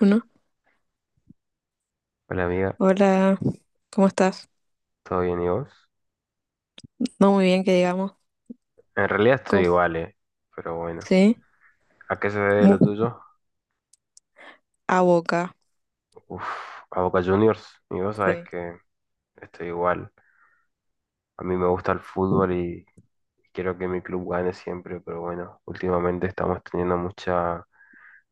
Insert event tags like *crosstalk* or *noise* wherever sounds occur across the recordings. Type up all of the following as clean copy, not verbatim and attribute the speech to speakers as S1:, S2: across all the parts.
S1: Uno.
S2: Hola amiga,
S1: Hola, ¿cómo estás?
S2: ¿todo bien y vos?
S1: No muy bien, que digamos.
S2: En realidad estoy
S1: Co-
S2: igual, pero bueno.
S1: Sí.
S2: ¿A qué se debe
S1: Mu-
S2: lo tuyo?
S1: a Boca.
S2: Uf, a Boca Juniors. Y vos sabés
S1: Sí.
S2: que estoy igual. A mí me gusta el fútbol y quiero que mi club gane siempre, pero bueno, últimamente estamos teniendo muchas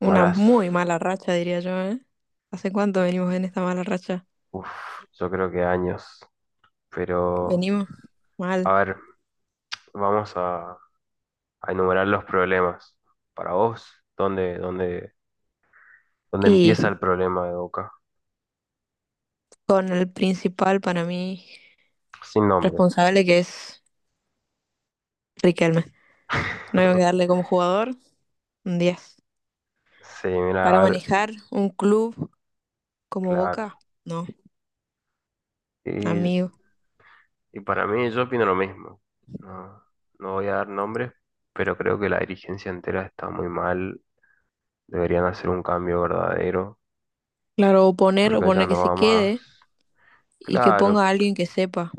S1: Una
S2: malas,
S1: muy mala racha, diría yo, ¿eh? ¿Hace cuánto venimos en esta mala racha?
S2: uf, yo creo que años. Pero,
S1: Venimos
S2: a
S1: mal.
S2: ver, vamos a, a enumerar los problemas. Para vos, ¿dónde, dónde, dónde empieza
S1: Y
S2: el problema de Boca?
S1: con el principal para mí
S2: Sin nombres.
S1: responsable que es Riquelme. No hay que
S2: *laughs*
S1: darle como jugador un 10.
S2: Sí,
S1: Para
S2: mira, a ver,
S1: manejar un club como
S2: claro.
S1: Boca, no,
S2: Y,
S1: amigo.
S2: y para mí yo opino lo mismo. No, no voy a dar nombres, pero creo que la dirigencia entera está muy mal. Deberían hacer un cambio verdadero,
S1: Claro, oponer,
S2: porque allá
S1: oponer que
S2: no
S1: se
S2: va más.
S1: quede y que
S2: Claro,
S1: ponga a alguien que sepa,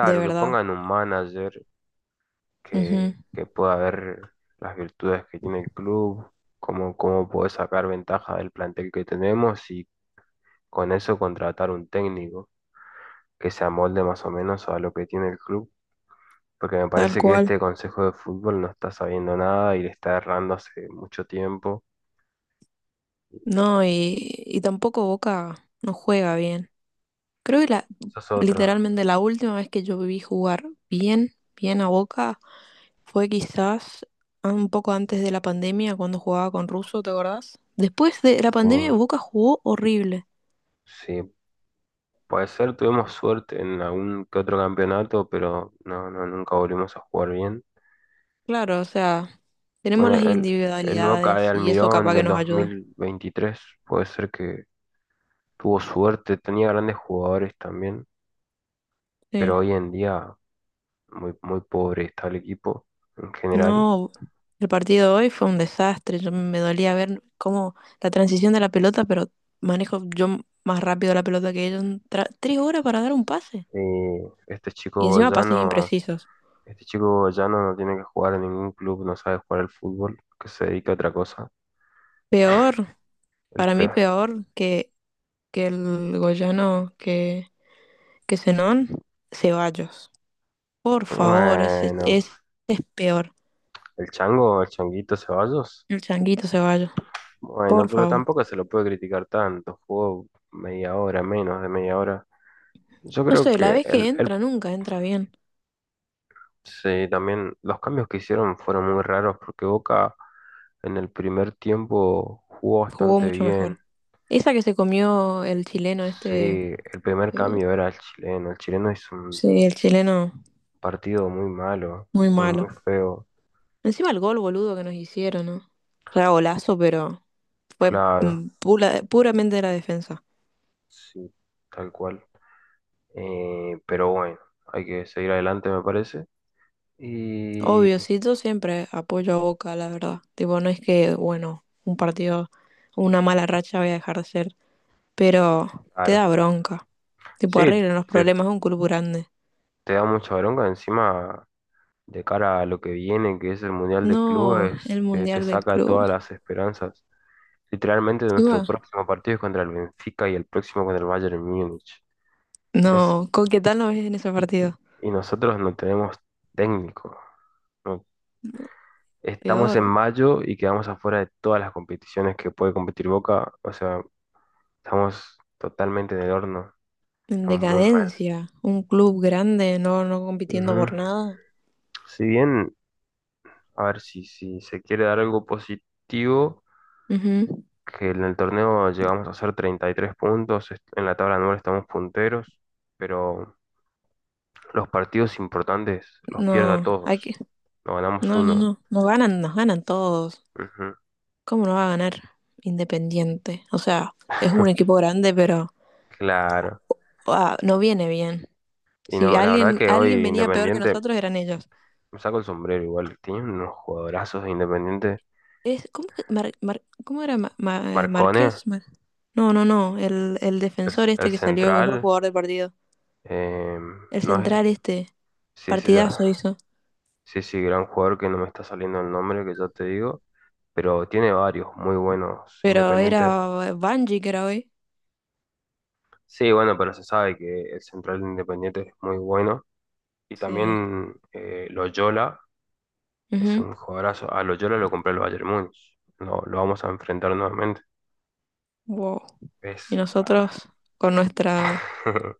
S1: de
S2: que
S1: verdad.
S2: pongan un manager que pueda ver las virtudes que tiene el club, cómo puede sacar ventaja del plantel que tenemos y con eso contratar un técnico que se amolde más o menos a lo que tiene el club porque me
S1: Tal
S2: parece que
S1: cual.
S2: este consejo de fútbol no está sabiendo nada y le está errando hace mucho tiempo.
S1: No, y tampoco Boca no juega bien. Creo que
S2: Sos otro.
S1: literalmente la última vez que yo vi jugar bien, bien a Boca fue quizás un poco antes de la pandemia cuando jugaba con Russo, ¿te acordás? Después de la
S2: Sí,
S1: pandemia Boca jugó horrible.
S2: sí, puede ser, tuvimos suerte en algún que otro campeonato, pero no, no, nunca volvimos a jugar bien.
S1: Claro, o sea, tenemos
S2: Bueno,
S1: las
S2: el Boca de
S1: individualidades y eso
S2: Almirón
S1: capaz que
S2: del
S1: nos ayuda.
S2: 2023 puede ser que tuvo suerte, tenía grandes jugadores también, pero
S1: Sí.
S2: hoy en día muy, muy pobre está el equipo en general.
S1: No, el partido hoy fue un desastre. Yo me dolía ver cómo la transición de la pelota, pero manejo yo más rápido la pelota que ellos. 3 horas para dar un pase.
S2: Eh, este chico
S1: Y encima pases
S2: Goyano.
S1: imprecisos.
S2: Este chico Bayano no tiene que jugar en ningún club, no sabe jugar al fútbol, que se dedica a otra cosa.
S1: Peor,
S2: El
S1: para mí
S2: peor.
S1: peor que, que el Goyano, que Zenón, Ceballos. Por favor, ese,
S2: Bueno,
S1: ese es peor.
S2: el chango, el changuito Ceballos.
S1: El changuito Ceballos, por
S2: Bueno, pero
S1: favor.
S2: tampoco se lo puede criticar tanto. Jugó media hora, menos de media hora. Yo
S1: No
S2: creo
S1: sé, la
S2: que
S1: vez que entra nunca entra bien.
S2: sí, también los cambios que hicieron fueron muy raros porque Boca en el primer tiempo jugó
S1: Jugó
S2: bastante
S1: mucho
S2: bien.
S1: mejor. Esa que se comió el chileno
S2: Sí,
S1: este.
S2: el primer
S1: Eh,
S2: cambio era el chileno. El chileno hizo un
S1: sí, el chileno,
S2: partido muy malo,
S1: muy
S2: muy,
S1: malo.
S2: muy feo.
S1: Encima el gol, boludo, que nos hicieron, ¿no? O sea, golazo, pero fue
S2: Claro,
S1: puramente de la defensa.
S2: sí, tal cual. Pero bueno, hay que seguir adelante, me parece. Y
S1: Obvio, sí, yo siempre apoyo a Boca, la verdad. Tipo, no es que, bueno, un partido, una mala racha voy a dejar de ser, pero te
S2: claro,
S1: da bronca. Tipo,
S2: sí,
S1: arreglan los problemas de un club grande.
S2: te da mucha bronca encima de cara a lo que viene, que es el Mundial de
S1: No, el
S2: Clubes, te
S1: mundial del
S2: saca
S1: club.
S2: todas las esperanzas. Literalmente nuestro
S1: Encima,
S2: próximo partido es contra el Benfica y el próximo contra el Bayern Múnich. Es,
S1: no, ¿con qué tal no ves en ese partido?
S2: y nosotros no tenemos técnico. No- Estamos en
S1: Peor,
S2: mayo y quedamos afuera de todas las competiciones que puede competir Boca. O sea, estamos totalmente en el horno.
S1: en
S2: Estamos muy mal.
S1: decadencia, un club grande, no, no compitiendo
S2: Ujú.
S1: por nada.
S2: Si bien, a ver si se quiere dar algo positivo,
S1: Ujú.
S2: que en el torneo llegamos a hacer 33 puntos, en la tabla anual estamos punteros, pero los partidos importantes los pierdo a
S1: No,
S2: todos. No ganamos
S1: no, no,
S2: uno.
S1: no, nos ganan todos.
S2: Ujú.
S1: ¿Cómo no va a ganar Independiente? O sea, es un equipo grande, pero
S2: Claro.
S1: ah, no viene bien.
S2: Y
S1: Si
S2: no, la verdad
S1: alguien,
S2: que
S1: alguien
S2: hoy
S1: venía peor que
S2: Independiente,
S1: nosotros, eran ellos.
S2: me saco el sombrero igual, tiene unos jugadorazos de Independiente.
S1: Es, ¿cómo, que cómo era
S2: Marcone,
S1: Márquez? No, no, no, el defensor
S2: el
S1: este que salió mejor
S2: central,
S1: jugador del partido.
S2: eh,
S1: El
S2: no es,
S1: central este,
S2: sí, sí, ya.
S1: partidazo hizo.
S2: Sí, sí, gran jugador que no me está saliendo el nombre, que ya te digo, pero tiene varios muy buenos
S1: Pero era
S2: Independiente.
S1: Banji que era hoy.
S2: Sí, bueno, pero se sabe que el central de Independiente es muy bueno. Y
S1: Sí.
S2: también Loyola es
S1: Ujú.
S2: un jugadorazo. A Loyola lo compré el Bayern Múnich. No, lo vamos a enfrentar nuevamente.
S1: Wow. Y
S2: Es.
S1: nosotros con nuestra
S2: *laughs*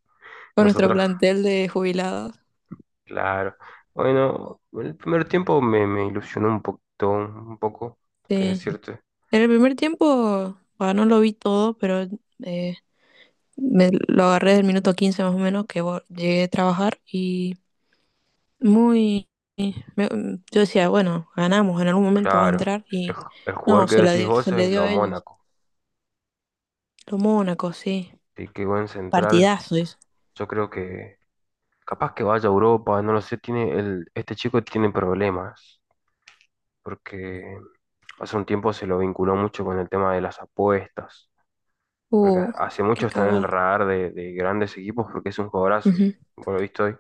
S1: con nuestro
S2: Nosotros,
S1: plantel de jubilados.
S2: claro. Bueno, el primer tiempo me ilusionó un poquito, un poco, qué
S1: Sí.
S2: decirte.
S1: En el primer tiempo, bueno, no lo vi todo, pero eh, me lo agarré del minuto 15 más o menos que llegué a trabajar y muy me- yo decía, bueno, ganamos, en algún momento va a
S2: Claro,
S1: entrar
S2: el,
S1: y
S2: el jugador
S1: no,
S2: que decís vos
S1: se le
S2: es
S1: dio
S2: lo
S1: a ellos.
S2: Mónaco.
S1: Lo Mónaco, sí.
S2: Sí, qué buen central.
S1: Partidazo eso.
S2: Yo creo que capaz que vaya a Europa, no lo sé, tiene el, este chico tiene problemas, porque hace un tiempo se lo vinculó mucho con el tema de las apuestas, porque
S1: Uh,
S2: hace
S1: Qué
S2: mucho está en el
S1: cagada.
S2: radar de grandes equipos porque es un jugadorazo,
S1: Ujú.
S2: por lo visto hoy,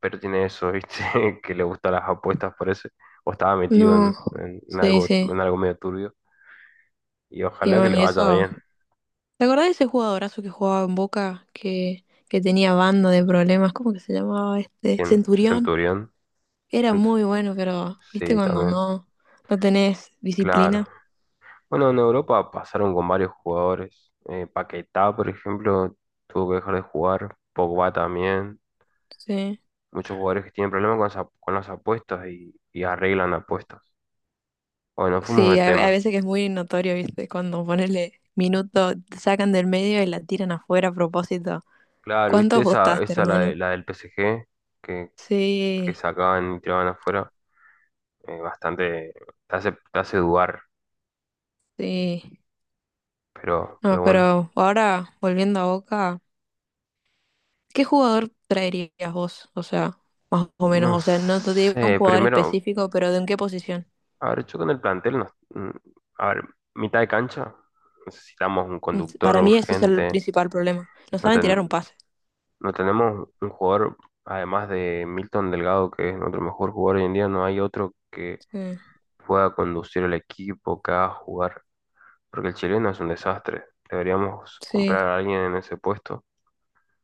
S2: pero tiene eso, ¿viste? *laughs* Que le gustan las apuestas, parece, o estaba metido
S1: No. Sí, sí.
S2: en algo medio turbio, y
S1: Y
S2: ojalá que
S1: bueno,
S2: le
S1: y
S2: vaya
S1: eso.
S2: bien.
S1: ¿Te acordás de ese jugadorazo que jugaba en Boca, que tenía banda de problemas? ¿Cómo que se llamaba este?
S2: ¿Quién?
S1: Centurión.
S2: Centurión.
S1: Era
S2: Cent-
S1: muy bueno, pero viste
S2: sí,
S1: cuando
S2: también,
S1: no, no tenés
S2: claro.
S1: disciplina.
S2: Bueno, en Europa pasaron con varios jugadores. Paquetá, por ejemplo, tuvo que dejar de jugar. Pogba también.
S1: Sí.
S2: Muchos jugadores que tienen problemas con, con las apuestas y arreglan apuestas. Bueno, fuimos de
S1: Sí, a
S2: tema.
S1: veces que es muy notorio, viste, cuando ponele minuto, te sacan del medio y la tiran afuera a propósito.
S2: Claro,
S1: ¿Cuánto
S2: ¿viste
S1: apostaste, hermano?
S2: la del PSG que, que
S1: Sí,
S2: sacaban y tiraban afuera? Bastante te hace dudar,
S1: sí.
S2: pero
S1: No,
S2: bueno.
S1: pero ahora volviendo a Boca. ¿Qué jugador traerías vos? O sea, más o menos,
S2: No
S1: o sea, no te digo un
S2: sé,
S1: jugador
S2: primero,
S1: específico, pero ¿de en qué posición?
S2: a ver, yo con el plantel, a ver, mitad de cancha, necesitamos un conductor
S1: Para mí ese es el
S2: urgente.
S1: principal problema. No
S2: No,
S1: saben tirar un pase.
S2: no tenemos un jugador, además de Milton Delgado, que es nuestro mejor jugador hoy en día, no hay otro que
S1: Mm,
S2: pueda conducir el equipo, que haga jugar, porque el chileno es un desastre. Deberíamos
S1: sí.
S2: comprar a alguien en ese puesto.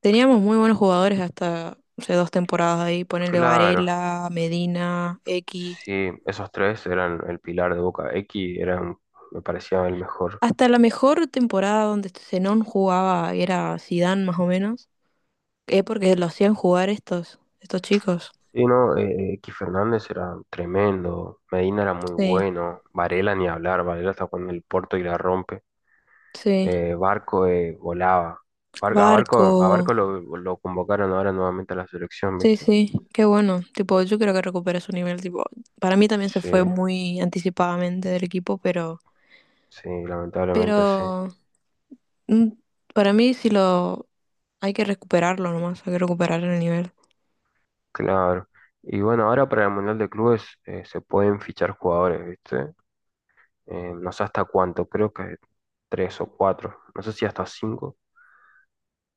S1: Teníamos muy buenos jugadores hasta hace 2 temporadas ahí, ponerle
S2: Claro,
S1: Varela, Medina, X.
S2: sí, esos tres eran el pilar de Boca. X era, me parecía el mejor.
S1: Hasta la mejor temporada donde Zenón jugaba era Zidane más o menos, es porque lo hacían jugar estos, chicos.
S2: Sí, no, que Fernández era tremendo, Medina era muy
S1: Sí,
S2: bueno, Varela ni hablar, Varela está jugando el Porto y la rompe,
S1: sí.
S2: Barco volaba, a
S1: Barco.
S2: Barco lo convocaron ahora nuevamente a la selección,
S1: Sí,
S2: ¿viste?
S1: sí, qué bueno. Tipo, yo creo que recupera su nivel. Tipo, para mí también se
S2: Sí,
S1: fue muy anticipadamente del equipo, pero,
S2: sí, lamentablemente sí,
S1: pero mm, para mí sí lo hay que recuperarlo nomás, hay que recuperar el nivel.
S2: claro. Y bueno, ahora para el Mundial de Clubes se pueden fichar jugadores, ¿viste? No sé hasta cuánto, creo que tres o cuatro, no sé si hasta cinco,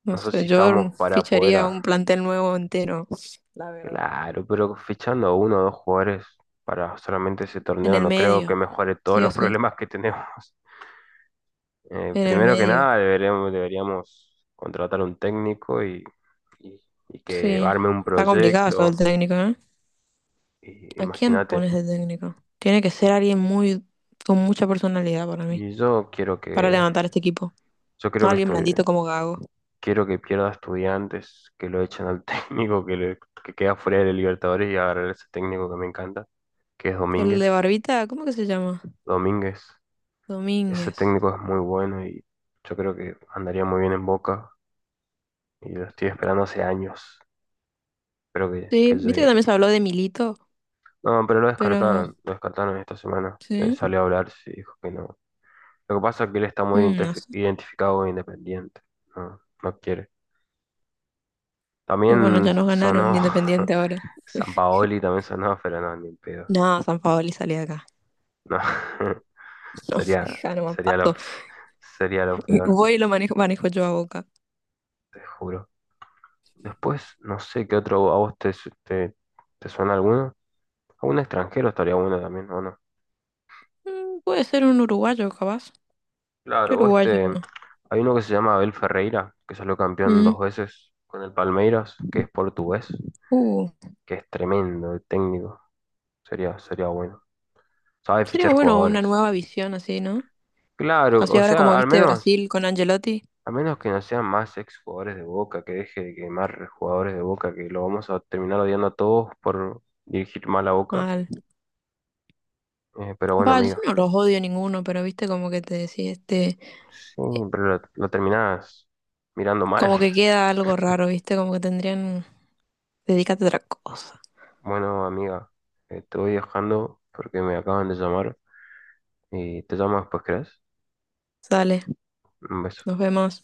S1: No
S2: no sé si
S1: sé, yo
S2: estamos para poder
S1: ficharía un plantel nuevo entero, la verdad.
S2: claro, pero fichando uno o dos jugadores para solamente ese
S1: En
S2: torneo
S1: el
S2: no creo que
S1: medio,
S2: mejore todos
S1: sí o
S2: los
S1: sí,
S2: problemas que tenemos. *laughs*
S1: en el
S2: Primero que
S1: medio.
S2: nada, deberíamos contratar un técnico y- y que
S1: Sí,
S2: arme un
S1: está complicado eso del
S2: proyecto.
S1: técnico, ¿eh?
S2: Y,
S1: ¿A quién
S2: imagínate.
S1: pones de técnico? Tiene que ser alguien muy con mucha personalidad para mí,
S2: Y yo quiero
S1: para
S2: que,
S1: levantar este equipo.
S2: yo
S1: No
S2: quiero que
S1: alguien
S2: estudie-
S1: blandito como Gago.
S2: quiero que pierda estudiantes, que lo echen al *laughs* técnico, que queda fuera de Libertadores y agarrar a ese técnico que me encanta, que es
S1: El de
S2: Domínguez.
S1: Barbita, ¿cómo que se llama?
S2: Domínguez. Ese
S1: Domínguez.
S2: técnico es muy bueno y yo creo que andaría muy bien en Boca y lo estoy esperando hace años. Espero
S1: Sí,
S2: que
S1: viste que
S2: llegue.
S1: también se habló de Milito,
S2: No, pero
S1: pero
S2: lo descartaron esta semana.
S1: sí,
S2: Salió a hablar y dijo que no. Lo que pasa es que él está muy
S1: no sé.
S2: identificado e independiente. No, no quiere.
S1: Bueno,
S2: También
S1: ya nos ganaron
S2: sonó. *laughs*
S1: Independiente ahora.
S2: Sampaoli, también sonó, pero no, ni en pedo.
S1: No, San Paoli salí de acá.
S2: No, *laughs*
S1: *laughs* No,
S2: sería,
S1: deja, no me
S2: sería lo,
S1: paso.
S2: sería lo peor,
S1: Voy y lo manejo, manejo yo a Boca.
S2: te juro. Después, no sé qué otro, ¿a vos te, su- te, ¿te suena alguno? A un extranjero estaría bueno también, ¿o no?
S1: Puede ser un uruguayo, capaz. ¿Qué
S2: Claro, o este,
S1: uruguayo?
S2: hay uno que se llama Abel Ferreira, que salió campeón
S1: Mm,
S2: dos veces con el Palmeiras, que es portugués,
S1: uh,
S2: que es tremendo de técnico. Sería bueno. Sabe
S1: Sería
S2: fichar
S1: bueno una
S2: jugadores.
S1: nueva visión así, ¿no?
S2: Claro,
S1: Así
S2: o
S1: ahora como
S2: sea,
S1: viste Brasil con Angelotti.
S2: al menos que no sean más ex jugadores de Boca, que deje de quemar jugadores de Boca, que lo vamos a terminar odiando a todos por dirigir mal a Boca.
S1: Mal.
S2: Pero bueno,
S1: Va, yo
S2: amiga,
S1: no los odio ninguno, pero viste como que te decía este.
S2: sí, pero lo terminás mirando mal.
S1: Como que
S2: *laughs*
S1: queda algo raro, ¿viste? Como que tendrían... Dedícate a otra cosa.
S2: Bueno, amiga, estoy dejando porque me acaban de llamar y te llamo después, ¿crees?
S1: Sale,
S2: Un beso.
S1: nos vemos.